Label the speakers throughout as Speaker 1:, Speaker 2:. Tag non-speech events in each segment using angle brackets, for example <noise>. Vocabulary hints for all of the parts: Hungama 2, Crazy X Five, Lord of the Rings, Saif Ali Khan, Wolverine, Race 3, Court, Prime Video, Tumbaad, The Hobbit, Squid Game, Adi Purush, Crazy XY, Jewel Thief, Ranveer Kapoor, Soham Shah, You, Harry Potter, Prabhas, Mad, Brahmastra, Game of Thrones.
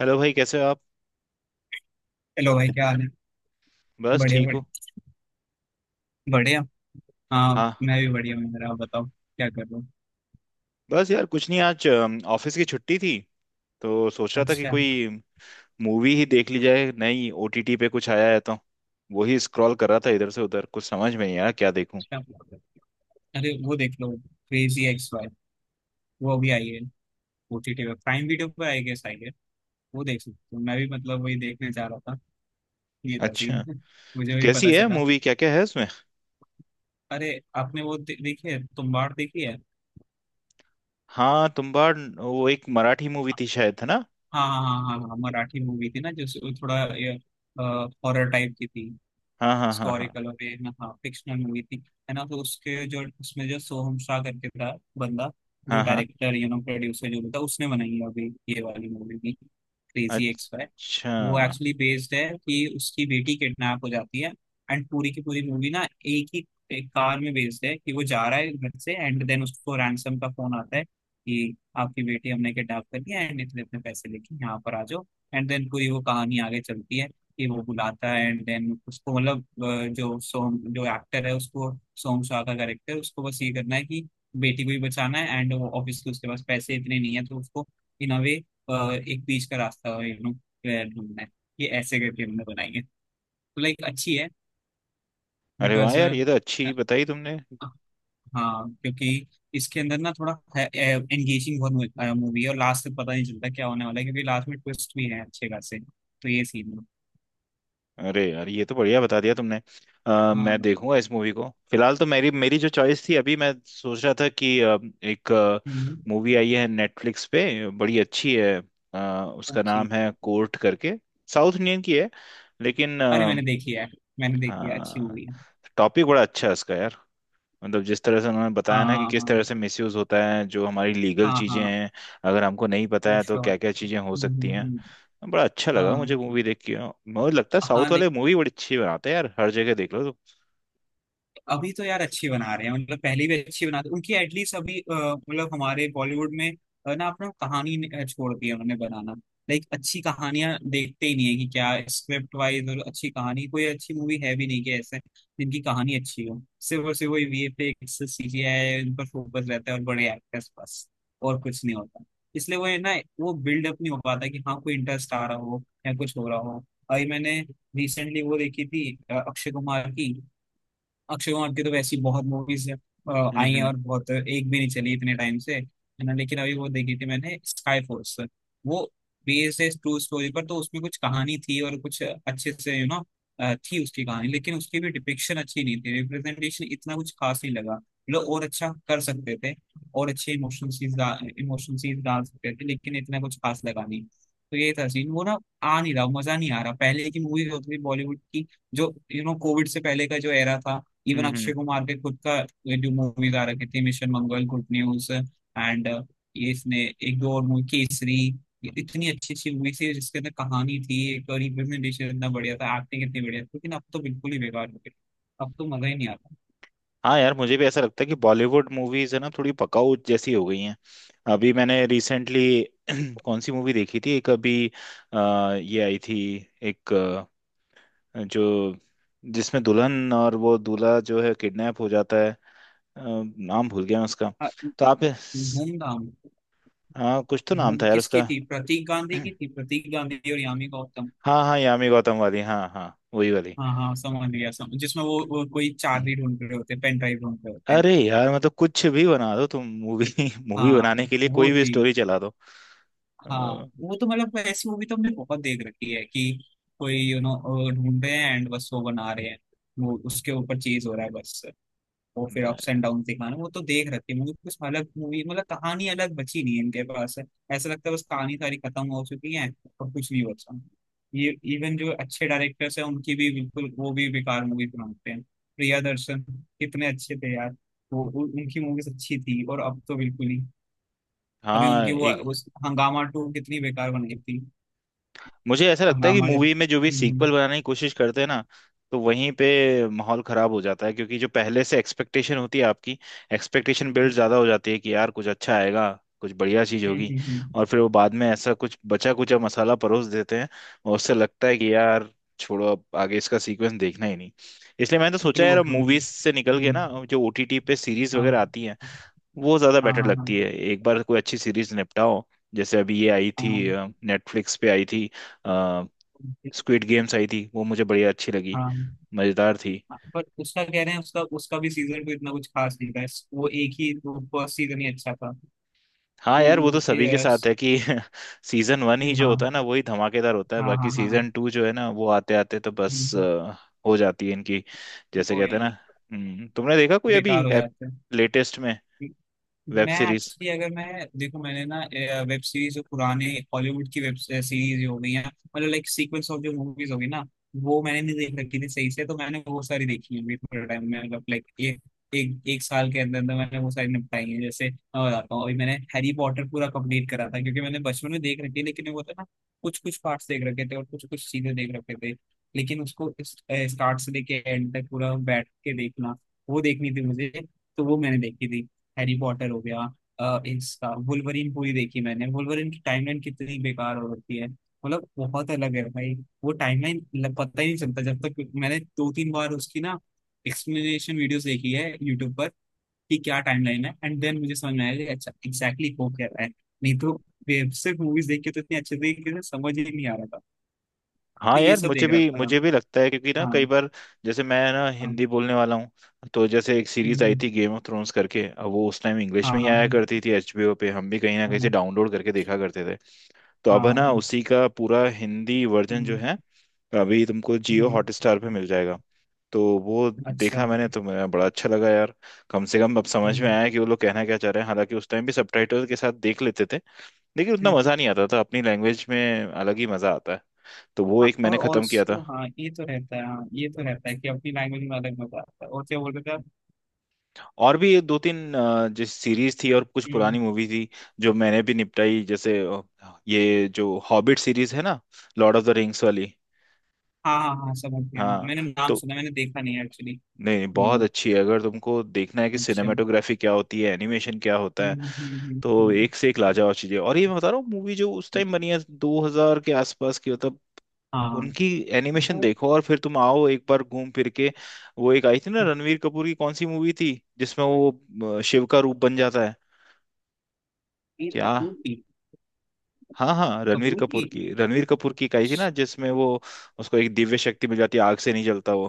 Speaker 1: Hello भाई कैसे हो आप।
Speaker 2: हेलो भाई, क्या हाल है।
Speaker 1: बस
Speaker 2: बढ़िया
Speaker 1: ठीक
Speaker 2: बढ़िया।
Speaker 1: हूँ।
Speaker 2: बढ़िया। हाँ,
Speaker 1: हाँ।
Speaker 2: मैं भी बढ़िया हूँ। मेरा आप बताओ, क्या कर रहे हो।
Speaker 1: बस यार कुछ नहीं, आज ऑफिस की छुट्टी थी, तो सोच रहा था कि
Speaker 2: अच्छा।
Speaker 1: कोई मूवी ही देख ली जाए। नई ओटीटी पे कुछ आया है तो वही स्क्रॉल कर रहा था इधर से उधर, कुछ समझ में नहीं आया क्या देखूं।
Speaker 2: अच्छा। अरे, वो देख लो, क्रेजी एक्स वाई। वो अभी आई है। ओटीटी पे, प्राइम वीडियो पे आई गेस आई है। वो देख सकते हो, मैं भी मतलब वही देखने जा रहा था। ये था
Speaker 1: अच्छा,
Speaker 2: scene। <laughs> मुझे भी
Speaker 1: कैसी
Speaker 2: पता
Speaker 1: है
Speaker 2: चला।
Speaker 1: मूवी, क्या क्या है उसमें।
Speaker 2: अरे, आपने वो देखी है, तुम्बाड़ देखी है।
Speaker 1: हाँ तुम्बाड़, वो एक मराठी मूवी थी शायद है ना।
Speaker 2: हाँ हाँ हाँ हाँ हाँ, मराठी मूवी थी ना जो थोड़ा हॉरर टाइप की थी।
Speaker 1: हाँ हाँ हाँ हाँ
Speaker 2: हिस्टोरिकल और ये। हाँ, फिक्शनल मूवी थी, है ना। तो उसके जो, उसमें जो सोहम शाह करके था बंदा, जो
Speaker 1: हाँ हाँ।
Speaker 2: डायरेक्टर यू नो प्रोड्यूसर जो भी था, उसने बनाई है अभी ये वाली मूवी भी, क्रेजी एक्स फाइव। वो
Speaker 1: अच्छा।
Speaker 2: एक्चुअली बेस्ड है कि उसकी बेटी किडनैप हो जाती है। एंड पूरी की पूरी मूवी ना एक ही, एक कार में बेस्ड है कि वो जा रहा है घर से, एंड देन उसको रैंसम का फोन आता है कि आपकी बेटी हमने किडनैप कर लिया, एंड इतने इतने पैसे लेके यहाँ पर आ जाओ। एंड देन पूरी वो कहानी आगे चलती है कि वो बुलाता है, एंड देन उसको मतलब जो सोम, जो एक्टर है, उसको सोम शाह का कैरेक्टर, उसको बस ये करना है कि बेटी को भी बचाना है, एंड वो ऑब्वियसली उसके पास पैसे इतने नहीं है, तो उसको इन अ वे एक बीच का रास्ता, यू नो, ढूंढना है। ये ऐसे करके हमने बनाई है, तो लाइक अच्छी है।
Speaker 1: अरे वाह
Speaker 2: बिकॉज,
Speaker 1: यार, ये तो अच्छी बताई तुमने।
Speaker 2: हाँ, क्योंकि इसके अंदर ना थोड़ा एंगेजिंग बहुत मूवी है, और लास्ट तक पता नहीं चलता क्या होने वाला है, क्योंकि लास्ट में ट्विस्ट भी है अच्छे खासे। तो ये सीन है।
Speaker 1: अरे यार ये तो बढ़िया बता दिया तुमने। मैं
Speaker 2: हाँ।
Speaker 1: देखूंगा इस मूवी को। फिलहाल तो मेरी मेरी जो चॉइस थी, अभी मैं सोच रहा था कि एक
Speaker 2: हम्म,
Speaker 1: मूवी आई है नेटफ्लिक्स पे, बड़ी अच्छी है। अ, उसका
Speaker 2: अच्छी।
Speaker 1: नाम है कोर्ट करके। साउथ इंडियन की है लेकिन।
Speaker 2: अरे, मैंने देखी है। मैंने देखी है, अच्छी
Speaker 1: हाँ,
Speaker 2: मूवी है।
Speaker 1: टॉपिक बड़ा अच्छा है इसका यार। मतलब जिस तरह से उन्होंने बताया ना कि
Speaker 2: हाँ
Speaker 1: किस तरह
Speaker 2: हाँ
Speaker 1: से मिसयूज होता है जो हमारी लीगल
Speaker 2: हाँ
Speaker 1: चीजें
Speaker 2: हाँ।
Speaker 1: हैं, अगर हमको नहीं पता
Speaker 2: फॉर
Speaker 1: है तो
Speaker 2: श्योर।
Speaker 1: क्या क्या चीजें हो सकती हैं। बड़ा अच्छा लगा मुझे
Speaker 2: हाँ
Speaker 1: मूवी देख के। मुझे लगता है
Speaker 2: हाँ।
Speaker 1: साउथ वाले मूवी बड़ी अच्छी बनाते हैं यार, हर जगह देख लो तो।
Speaker 2: अभी तो यार अच्छी बना रहे हैं, मतलब पहले भी अच्छी बनाते उनकी, एटलीस्ट। अभी मतलब हमारे बॉलीवुड में ना अपना छोड़ दी है उन्होंने बनाना। लाइक अच्छी कहानियां देखते ही नहीं है कि क्या स्क्रिप्ट वाइज, और अच्छी कहानी कोई अच्छी मूवी है भी नहीं कि ऐसे जिनकी कहानी अच्छी हो। सिर्फ और सिर्फ वही वीएफएक्स, सीजीआई, उन पर फोकस रहता है और बड़े एक्टर्स बस। और कुछ नहीं होता। इसलिए वो है ना, वो बिल्डअप नहीं हो पाता कि हाँ कोई इंटरेस्ट आ रहा हो या कुछ हो रहा हो। अभी मैंने रिसेंटली वो देखी थी, अक्षय कुमार की। अक्षय कुमार की तो वैसी बहुत मूवीज
Speaker 1: हम्म
Speaker 2: आई हैं,
Speaker 1: हम्म
Speaker 2: और बहुत, एक भी नहीं चली इतने टाइम से, है ना, लेकिन अभी वो देखी थी मैंने, स्काई फोर्स। वो बेस्ड है ट्रू स्टोरी पर, तो उसमें कुछ कहानी थी और कुछ अच्छे से, यू नो, थी उसकी कहानी। लेकिन उसकी भी डिपिक्शन अच्छी नहीं थी, रिप्रेजेंटेशन इतना कुछ खास नहीं लगा। लोग और अच्छा कर सकते थे, और अच्छे इमोशनल सीन्स, इमोशनल सीन्स डाल सकते थे, लेकिन इतना कुछ खास लगा नहीं। तो ये था सीन। वो ना आ नहीं रहा, मजा नहीं आ रहा। पहले की मूवीज होती थी बॉलीवुड की, जो यू नो कोविड से पहले का जो एरा था। इवन
Speaker 1: हम्म हम्म।
Speaker 2: अक्षय कुमार के खुद का ये जो मूवीज आ रखी थी, mission Mangal, good news, and ये इसने एक दो और मूवी, केसरी। ये इतनी अच्छी अच्छी मूवी थी जिसके अंदर कहानी थी एक, और रिप्रेजेंटेशन इतना बढ़िया था, एक्टिंग इतनी बढ़िया थी, लेकिन अब तो बिल्कुल ही बेकार हो गई। अब तो मजा ही नहीं आता।
Speaker 1: हाँ यार मुझे भी ऐसा लगता है कि बॉलीवुड मूवीज है ना, थोड़ी पकाऊ जैसी हो गई हैं। अभी मैंने रिसेंटली <clears throat> कौन सी मूवी देखी थी एक अभी। अ, ये आई थी एक, अ, जो जिसमें दुल्हन और वो दूल्हा जो है, किडनैप हो जाता है। अ, नाम भूल गया मैं उसका,
Speaker 2: हाँ,
Speaker 1: तो आप।
Speaker 2: धूमधाम।
Speaker 1: हाँ कुछ तो नाम
Speaker 2: धूम
Speaker 1: था यार
Speaker 2: किसकी
Speaker 1: उसका।
Speaker 2: थी, प्रतीक गांधी की
Speaker 1: <clears throat>
Speaker 2: थी, प्रतीक गांधी और यामी गौतम।
Speaker 1: हाँ हाँ, यामी गौतम वाली, हाँ हाँ, वही वाली।
Speaker 2: हाँ हाँ, समझ गया। समझ जिसमें वो कोई चाबी
Speaker 1: <clears throat>
Speaker 2: ढूंढ रहे होते, पेन ड्राइव ढूंढ रहे होते हैं।
Speaker 1: अरे यार मतलब कुछ भी बना दो तुम मूवी। मूवी <laughs>
Speaker 2: हाँ,
Speaker 1: बनाने के लिए
Speaker 2: वो
Speaker 1: कोई भी
Speaker 2: थी।
Speaker 1: स्टोरी चला दो।
Speaker 2: हाँ,
Speaker 1: अ,
Speaker 2: वो तो मतलब ऐसी मूवी तो हमने बहुत देख रखी है कि कोई, यू नो, ढूंढ रहे हैं, एंड बस वो बना रहे हैं, वो उसके ऊपर चीज हो रहा है बस। और फिर अप्स एंड डाउन दिखाना, वो तो देख रखी है। मुझे कुछ अलग मूवी मतलब कहानी अलग बची नहीं है इनके पास। ऐसा लगता है बस कहानी सारी खत्म हो चुकी है, और कुछ नहीं बचा। ये इवन जो अच्छे डायरेक्टर्स हैं उनकी भी बिल्कुल, वो भी बेकार मूवी बनाते हैं, प्रिया दर्शन कितने अच्छे थे यार। वो उनकी मूवीज अच्छी थी, और अब तो बिल्कुल ही। अभी
Speaker 1: हाँ,
Speaker 2: उनकी वो, उस हंगामा 2 कितनी बेकार बन गई थी।
Speaker 1: मुझे ऐसा लगता है कि
Speaker 2: हंगामा जब।
Speaker 1: मूवी में जो भी सीक्वल बनाने की कोशिश करते हैं ना, तो वहीं पे माहौल खराब हो जाता है। क्योंकि जो पहले से एक्सपेक्टेशन होती है आपकी, एक्सपेक्टेशन बिल्ड ज्यादा हो जाती है कि यार कुछ अच्छा आएगा, कुछ बढ़िया चीज होगी। और फिर वो बाद में ऐसा कुछ बचा कुचा मसाला परोस देते हैं, और उससे लगता है कि यार छोड़ो, अब आगे इसका सीक्वेंस देखना ही नहीं। इसलिए मैंने तो सोचा
Speaker 2: ट्रू
Speaker 1: यार, अब
Speaker 2: ट्रू।
Speaker 1: मूवीज से निकल के ना जो ओटीटी पे सीरीज वगैरह
Speaker 2: हाँ
Speaker 1: आती हैं, वो ज्यादा
Speaker 2: हाँ
Speaker 1: बेटर
Speaker 2: हाँ
Speaker 1: लगती है।
Speaker 2: हाँ
Speaker 1: एक बार कोई अच्छी सीरीज निपटाओ। जैसे अभी ये आई थी,
Speaker 2: हाँ
Speaker 1: नेटफ्लिक्स पे आई थी, स्क्विड गेम्स आई थी, वो मुझे बढ़िया अच्छी लगी,
Speaker 2: हाँ
Speaker 1: मजेदार थी।
Speaker 2: हाँ। पर उसका कह रहे हैं, उसका उसका भी सीजन तो इतना कुछ खास नहीं था, वो एक ही वो फर्स्ट सीजन ही अच्छा था।
Speaker 1: हाँ
Speaker 2: तो
Speaker 1: यार वो तो
Speaker 2: वो
Speaker 1: सभी के साथ
Speaker 2: यस।
Speaker 1: है कि <laughs> सीजन वन ही जो होता
Speaker 2: हाँ
Speaker 1: है ना वही धमाकेदार होता है,
Speaker 2: हाँ
Speaker 1: बाकी
Speaker 2: हाँ हाँ।
Speaker 1: सीजन टू जो है ना वो आते आते तो बस
Speaker 2: हम्म,
Speaker 1: हो जाती है इनकी, जैसे
Speaker 2: वो
Speaker 1: कहते हैं ना।
Speaker 2: ही
Speaker 1: तुमने देखा कोई अभी
Speaker 2: बेकार हो जाता है।
Speaker 1: लेटेस्ट में वेब
Speaker 2: मैं
Speaker 1: सीरीज।
Speaker 2: एक्चुअली, अगर मैं देखो, मैंने ना वेब सीरीज जो पुराने हॉलीवुड की वेब सीरीज हो गई हैं, मतलब लाइक सीक्वेंस ऑफ जो मूवीज होगी ना, वो मैंने नहीं देख रखी थी सही से। तो मैंने वो सारी देखी है अभी थोड़े टाइम में, मतलब लाइक एक, एक एक साल के अंदर अंदर मैंने वो सारी निपटाई है। जैसे मैं बताता हूँ, अभी मैंने हैरी पॉटर पूरा कंप्लीट करा था, क्योंकि मैंने बचपन में देख रखी, लेकिन वो था ना कुछ कुछ पार्ट्स देख रखे थे और कुछ कुछ चीजें देख रखे थे, लेकिन उसको स्टार्ट से लेके एंड तक पूरा बैठ के देखना, वो देखनी थी मुझे। तो वो मैंने देखी थी, हैरी पॉटर हो गया। इसका वुल्वरीन पूरी देखी मैंने। वुल्वरीन की टाइमलाइन कितनी बेकार हो रखी है, मतलब बहुत अलग है भाई वो टाइमलाइन। पता ही नहीं चलता, जब तक मैंने दो तीन बार उसकी ना एक्सप्लेनेशन वीडियोस देखी है यूट्यूब पर कि क्या टाइमलाइन है, एंड देन मुझे समझ में आया कि अच्छा एग्जैक्टली वो कह रहा है। नहीं तो सिर्फ मूवीज देख के तो इतनी अच्छे तरीके से समझ ही नहीं आ रहा था। तो
Speaker 1: हाँ
Speaker 2: ये
Speaker 1: यार
Speaker 2: सब
Speaker 1: मुझे
Speaker 2: देख
Speaker 1: भी
Speaker 2: रखा था।
Speaker 1: मुझे भी लगता है, क्योंकि ना
Speaker 2: हाँ।
Speaker 1: कई बार जैसे मैं ना
Speaker 2: हाँ।
Speaker 1: हिंदी बोलने वाला हूँ, तो जैसे एक
Speaker 2: हम्म।
Speaker 1: सीरीज आई
Speaker 2: हम्म।
Speaker 1: थी गेम ऑफ थ्रोन्स करके, अब वो उस टाइम इंग्लिश
Speaker 2: हाँ
Speaker 1: में ही
Speaker 2: हाँ
Speaker 1: आया करती थी एचबीओ पे, हम भी कहीं ना
Speaker 2: हाँ
Speaker 1: कहीं से
Speaker 2: हाँ
Speaker 1: डाउनलोड करके देखा करते थे। तो
Speaker 2: हाँ।
Speaker 1: अब है ना
Speaker 2: हाँ,
Speaker 1: उसी का पूरा हिंदी वर्जन जो
Speaker 2: हम्म।
Speaker 1: है, अभी तुमको जियो
Speaker 2: हम्म।
Speaker 1: हॉटस्टार पे मिल जाएगा। तो वो
Speaker 2: अच्छा।
Speaker 1: देखा मैंने तो, मेरा बड़ा अच्छा लगा यार। कम से कम अब समझ में
Speaker 2: हम्म।
Speaker 1: आया कि वो लोग कहना क्या चाह रहे हैं। हालांकि उस टाइम भी सबटाइटल के साथ देख लेते थे, लेकिन उतना मजा नहीं आता था, अपनी लैंग्वेज में अलग ही मजा आता है। तो वो
Speaker 2: हाँ,
Speaker 1: एक
Speaker 2: और
Speaker 1: मैंने खत्म किया
Speaker 2: ऑल्सो
Speaker 1: था।
Speaker 2: हाँ ये तो रहता है, हाँ ये तो रहता है कि अपनी लैंग्वेज में अलग मजा आता है। और क्या बोल रहे थे आप।
Speaker 1: और भी दो तीन जिस सीरीज थी और कुछ
Speaker 2: हम्म।
Speaker 1: पुरानी मूवी थी जो मैंने भी निपटाई, जैसे ये जो हॉबिट सीरीज है ना, लॉर्ड ऑफ द रिंग्स वाली।
Speaker 2: हाँ हाँ हाँ, समझ गया। हाँ,
Speaker 1: हाँ
Speaker 2: मैंने नाम
Speaker 1: तो
Speaker 2: सुना, मैंने देखा नहीं एक्चुअली।
Speaker 1: नहीं नहीं, बहुत
Speaker 2: हम्म।
Speaker 1: अच्छी है। अगर तुमको देखना है कि
Speaker 2: अच्छा। हम्म।
Speaker 1: सिनेमेटोग्राफी क्या होती है, एनिमेशन क्या होता है,
Speaker 2: हम्म। हम्म।
Speaker 1: तो
Speaker 2: हम्म।
Speaker 1: एक से एक लाजवाब चीजें। और ये मैं बता रहा हूँ मूवी जो उस
Speaker 2: हम्म।
Speaker 1: टाइम बनी है 2000 के आसपास की, मतलब
Speaker 2: हाँ,
Speaker 1: उनकी एनिमेशन
Speaker 2: वो
Speaker 1: देखो, और फिर तुम आओ एक बार घूम फिर के। वो एक आई थी ना रणवीर कपूर की, कौन सी मूवी थी जिसमें वो शिव का रूप बन जाता है,
Speaker 2: रणबीर
Speaker 1: क्या।
Speaker 2: कपूर की।
Speaker 1: हाँ हाँ रणवीर
Speaker 2: कपूर की।
Speaker 1: कपूर की, रणवीर कपूर की एक आई थी ना जिसमें वो, उसको एक दिव्य शक्ति मिल जाती है, आग से नहीं जलता वो।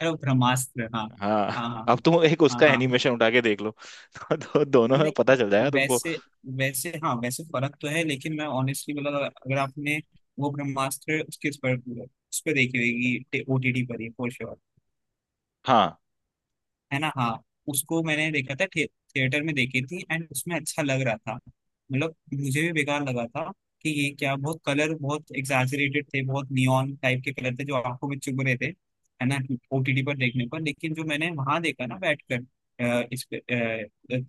Speaker 2: अरे वो ब्रह्मास्त्र, हाँ।
Speaker 1: हाँ
Speaker 2: हाँ
Speaker 1: <laughs>
Speaker 2: हाँ।
Speaker 1: अब तुम एक
Speaker 2: हाँ
Speaker 1: उसका
Speaker 2: हाँ हाँ।
Speaker 1: एनिमेशन उठा के देख लो <laughs> तो दोनों में पता चल
Speaker 2: नहीं
Speaker 1: जाएगा तुमको।
Speaker 2: वैसे, वैसे हाँ वैसे फर्क तो है, लेकिन मैं ऑनेस्टली बोला तो, अगर आपने वो ब्रह्मास्त्र उसके उस पर, उस पर देखी होगी ओटीटी पर ही फॉर,
Speaker 1: हाँ
Speaker 2: है ना। हाँ। उसको मैंने देखा था, थिएटर में देखी थी, एंड उसमें अच्छा लग रहा था। मतलब मुझे भी बेकार लगा था कि ये क्या बहुत कलर, बहुत एग्जैजरेटेड थे, बहुत नियॉन टाइप के कलर थे जो आंखों में चुभ रहे थे, है ना, ओटीटी पर देखने पर। लेकिन जो मैंने वहां देखा ना बैठकर इस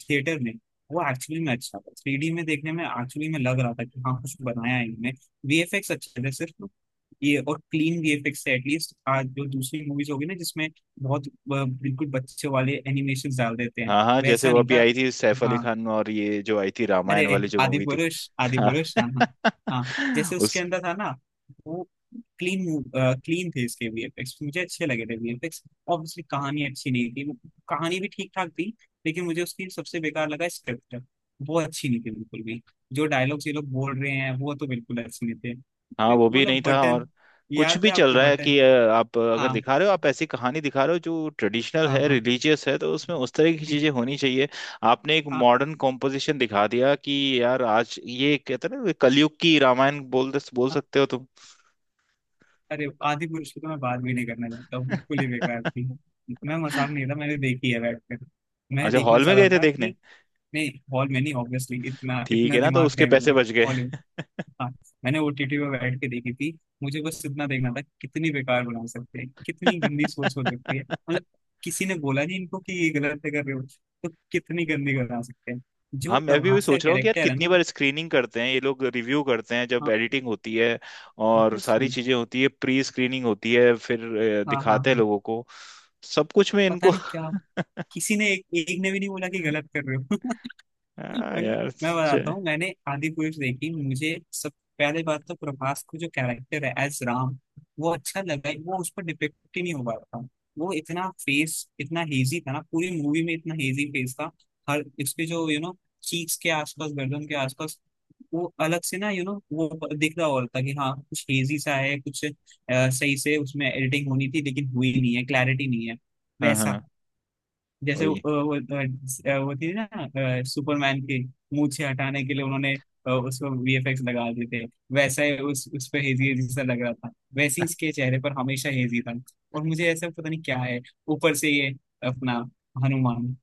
Speaker 2: थिएटर में, वो एक्चुअली में अच्छा था 3D में देखने में। एक्चुअली में लग रहा था कि हाँ कुछ बनाया है इनमें, वीएफएक्स अच्छे थे सिर्फ। ये और क्लीन वीएफएक्स है एटलीस्ट, आज जो दूसरी मूवीज होगी ना जिसमें बहुत बिल्कुल बच्चे वाले एनिमेशन डाल देते हैं,
Speaker 1: हाँ हाँ, जैसे
Speaker 2: वैसा
Speaker 1: वो
Speaker 2: नहीं
Speaker 1: अभी
Speaker 2: था।
Speaker 1: आई थी सैफ अली
Speaker 2: हाँ,
Speaker 1: खान, और ये जो आई थी रामायण
Speaker 2: अरे
Speaker 1: वाली जो
Speaker 2: आदि
Speaker 1: मूवी थी।
Speaker 2: पुरुष,
Speaker 1: <laughs>
Speaker 2: आदि
Speaker 1: हाँ।
Speaker 2: पुरुष, हाँ हाँ। हाँ, जैसे उसके अंदर था ना वो, क्लीन, क्लीन थे इसके वीएफएक्स, मुझे अच्छे लगे थे वीएफएक्स। ऑब्वियसली कहानी अच्छी नहीं थी वो, कहानी भी ठीक ठाक थी, लेकिन मुझे उसकी सबसे बेकार लगा स्क्रिप्ट। वो अच्छी नहीं थी बिल्कुल भी। जो डायलॉग्स ये लोग बोल रहे हैं वो तो बिल्कुल अच्छे नहीं थे।
Speaker 1: हाँ वो भी नहीं
Speaker 2: मतलब
Speaker 1: था,
Speaker 2: बटन,
Speaker 1: और कुछ
Speaker 2: याद
Speaker 1: भी
Speaker 2: है
Speaker 1: चल
Speaker 2: आपको
Speaker 1: रहा है
Speaker 2: बटन।
Speaker 1: कि आप अगर
Speaker 2: हाँ
Speaker 1: दिखा रहे हो, आप ऐसी कहानी दिखा रहे हो जो ट्रेडिशनल
Speaker 2: हाँ
Speaker 1: है,
Speaker 2: हाँ
Speaker 1: रिलीजियस है, तो उसमें उस तरह की चीजें होनी चाहिए। आपने एक
Speaker 2: हाँ,
Speaker 1: मॉडर्न कॉम्पोजिशन दिखा दिया कि यार, आज ये कहते हैं ना, कलयुग की रामायण बोल बोल
Speaker 2: हाँ,
Speaker 1: सकते हो तुम।
Speaker 2: अरे आदि पुरुष की तो मैं बात भी नहीं करना चाहता हूँ, बिल्कुल ही बेकार थी।
Speaker 1: <laughs>
Speaker 2: मैं, मजाक नहीं था, मैंने देखी है बैठ कर। मैं
Speaker 1: अच्छा,
Speaker 2: देखना
Speaker 1: हॉल में गए
Speaker 2: चाहता
Speaker 1: थे
Speaker 2: था
Speaker 1: देखने।
Speaker 2: कि, नहीं, हॉल में नहीं ऑब्वियसली, इतना
Speaker 1: ठीक
Speaker 2: इतना
Speaker 1: है ना, तो
Speaker 2: दिमाग
Speaker 1: उसके
Speaker 2: है
Speaker 1: पैसे
Speaker 2: मेरे।
Speaker 1: बच गए।
Speaker 2: हॉलीवुड। हाँ। मैंने ओटीटी पे बैठ के देखी थी। मुझे बस इतना देखना था कि कितनी बेकार बना सकते हैं, कितनी गंदी सोच हो सकती है,
Speaker 1: <laughs>
Speaker 2: मतलब किसी ने बोला नहीं इनको कि ये गलत है कर रहे हो, तो कितनी गंदी बना सकते हैं।
Speaker 1: हाँ
Speaker 2: जो
Speaker 1: मैं भी वही
Speaker 2: प्रभास का
Speaker 1: सोच रहा हूँ कि यार,
Speaker 2: कैरेक्टर है
Speaker 1: कितनी
Speaker 2: ना।
Speaker 1: बार स्क्रीनिंग करते हैं ये लोग, रिव्यू करते हैं जब
Speaker 2: हाँ।
Speaker 1: एडिटिंग होती है, और सारी
Speaker 2: ऑब्वियसली।
Speaker 1: चीजें होती है, प्री स्क्रीनिंग होती है, फिर
Speaker 2: हाँ हाँ
Speaker 1: दिखाते हैं
Speaker 2: हाँ।
Speaker 1: लोगों को सब कुछ में
Speaker 2: पता
Speaker 1: इनको।
Speaker 2: नहीं
Speaker 1: <laughs>
Speaker 2: क्या, किसी ने एक, एक ने भी नहीं बोला कि गलत कर रहे हो। <laughs>
Speaker 1: हाँ
Speaker 2: मतलब
Speaker 1: यार।
Speaker 2: मैं बताता
Speaker 1: चे-
Speaker 2: हूँ, मैंने आदि पुरुष देखी, मुझे सब। पहले बात तो प्रभास को जो कैरेक्टर है एज राम, वो अच्छा लगा वो उस पर डिपिक्ट ही नहीं हो पा रहा था। वो इतना फेस इतना हेजी था ना, पूरी मूवी में इतना हेजी फेस था। हर इसके जो, यू नो, चीक्स के आसपास, गर्दन के आसपास, वो अलग से ना, यू नो, वो दिख रहा, हो रहा था कि हाँ कुछ हेजी सा है, कुछ सही से उसमें एडिटिंग होनी थी, लेकिन हुई नहीं है, क्लैरिटी नहीं है।
Speaker 1: हाँ
Speaker 2: वैसा
Speaker 1: हाँ
Speaker 2: जैसे
Speaker 1: वही,
Speaker 2: वो थी ना सुपरमैन की मूछें हटाने के लिए उन्होंने उसको वीएफएक्स लगा दिए थे, वैसा ही उस पे हेजी हेजी सा लग रहा था, वैसे ही इसके चेहरे पर हमेशा हेजी था, और मुझे ऐसा पता नहीं क्या है। ऊपर से ये अपना हनुमान,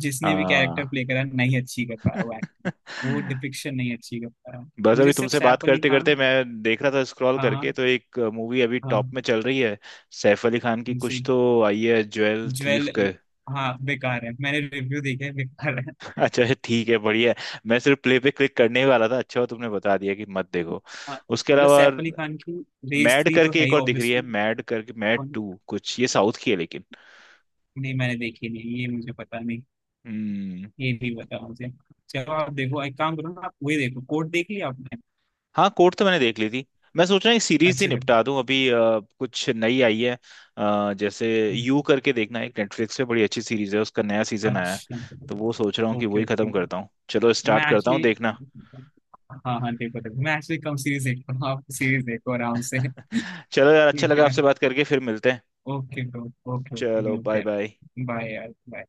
Speaker 2: जिसने भी कैरेक्टर
Speaker 1: हाँ।
Speaker 2: प्ले करा नहीं अच्छी कर पाया, वो एक्टिंग, वो
Speaker 1: <laughs>
Speaker 2: डिपिक्शन नहीं अच्छी कर पाया।
Speaker 1: बस
Speaker 2: मुझे
Speaker 1: अभी
Speaker 2: सिर्फ
Speaker 1: तुमसे बात
Speaker 2: सैफ अली
Speaker 1: करते करते
Speaker 2: खान,
Speaker 1: मैं देख रहा था, स्क्रॉल
Speaker 2: हाँ हाँ
Speaker 1: करके तो एक मूवी अभी टॉप
Speaker 2: हाँ,
Speaker 1: में चल रही है, सैफ अली खान की
Speaker 2: उनसे,
Speaker 1: कुछ तो आई है, ज्वेल
Speaker 2: ज्वेल,
Speaker 1: थीफ।
Speaker 2: हाँ बेकार है, मैंने रिव्यू देखे हैं, बेकार है।
Speaker 1: अच्छा ठीक है, बढ़िया है। मैं सिर्फ प्ले पे क्लिक करने ही वाला था, अच्छा हुआ तुमने बता दिया कि मत देखो।
Speaker 2: हाँ,
Speaker 1: उसके
Speaker 2: मतलब
Speaker 1: अलावा
Speaker 2: सैफ अली खान की रेस
Speaker 1: मैड
Speaker 2: थ्री तो
Speaker 1: करके
Speaker 2: है
Speaker 1: एक
Speaker 2: ही
Speaker 1: और दिख रही है,
Speaker 2: ऑब्वियसली।
Speaker 1: मैड करके, मैड टू कुछ, ये साउथ की है लेकिन।
Speaker 2: नहीं, मैंने देखी नहीं, ये मुझे पता नहीं,
Speaker 1: हम्म।
Speaker 2: ये भी पता मुझे। चलो, आप देखो, एक काम करो ना, आप वही देखो, कोर्ट देख लिया आपने।
Speaker 1: हाँ, कोर्ट तो मैंने देख ली थी। मैं सोच रहा हूँ एक सीरीज ही
Speaker 2: अच्छा चलो।
Speaker 1: निपटा दूं अभी, कुछ नई आई है, जैसे यू करके देखना एक, नेटफ्लिक्स पे बड़ी अच्छी सीरीज है, उसका नया सीजन आया है।
Speaker 2: अच्छा।
Speaker 1: तो वो सोच रहा हूँ कि
Speaker 2: ओके
Speaker 1: वही
Speaker 2: ओके।
Speaker 1: खत्म करता हूँ, चलो स्टार्ट
Speaker 2: मैं
Speaker 1: करता हूँ
Speaker 2: एक्चुअली,
Speaker 1: देखना।
Speaker 2: हाँ हाँ, देखो देखो, मैं एक्चुअली कम सीरीज देखता हूँ, आप सीरीज देखो आराम से।
Speaker 1: <laughs> चलो यार, अच्छा
Speaker 2: ठीक
Speaker 1: लगा
Speaker 2: है।
Speaker 1: आपसे बात करके, फिर मिलते हैं।
Speaker 2: ओके। ओके ओके,
Speaker 1: चलो
Speaker 2: मिलते
Speaker 1: बाय बाय।
Speaker 2: हैं, बाय यार, bye।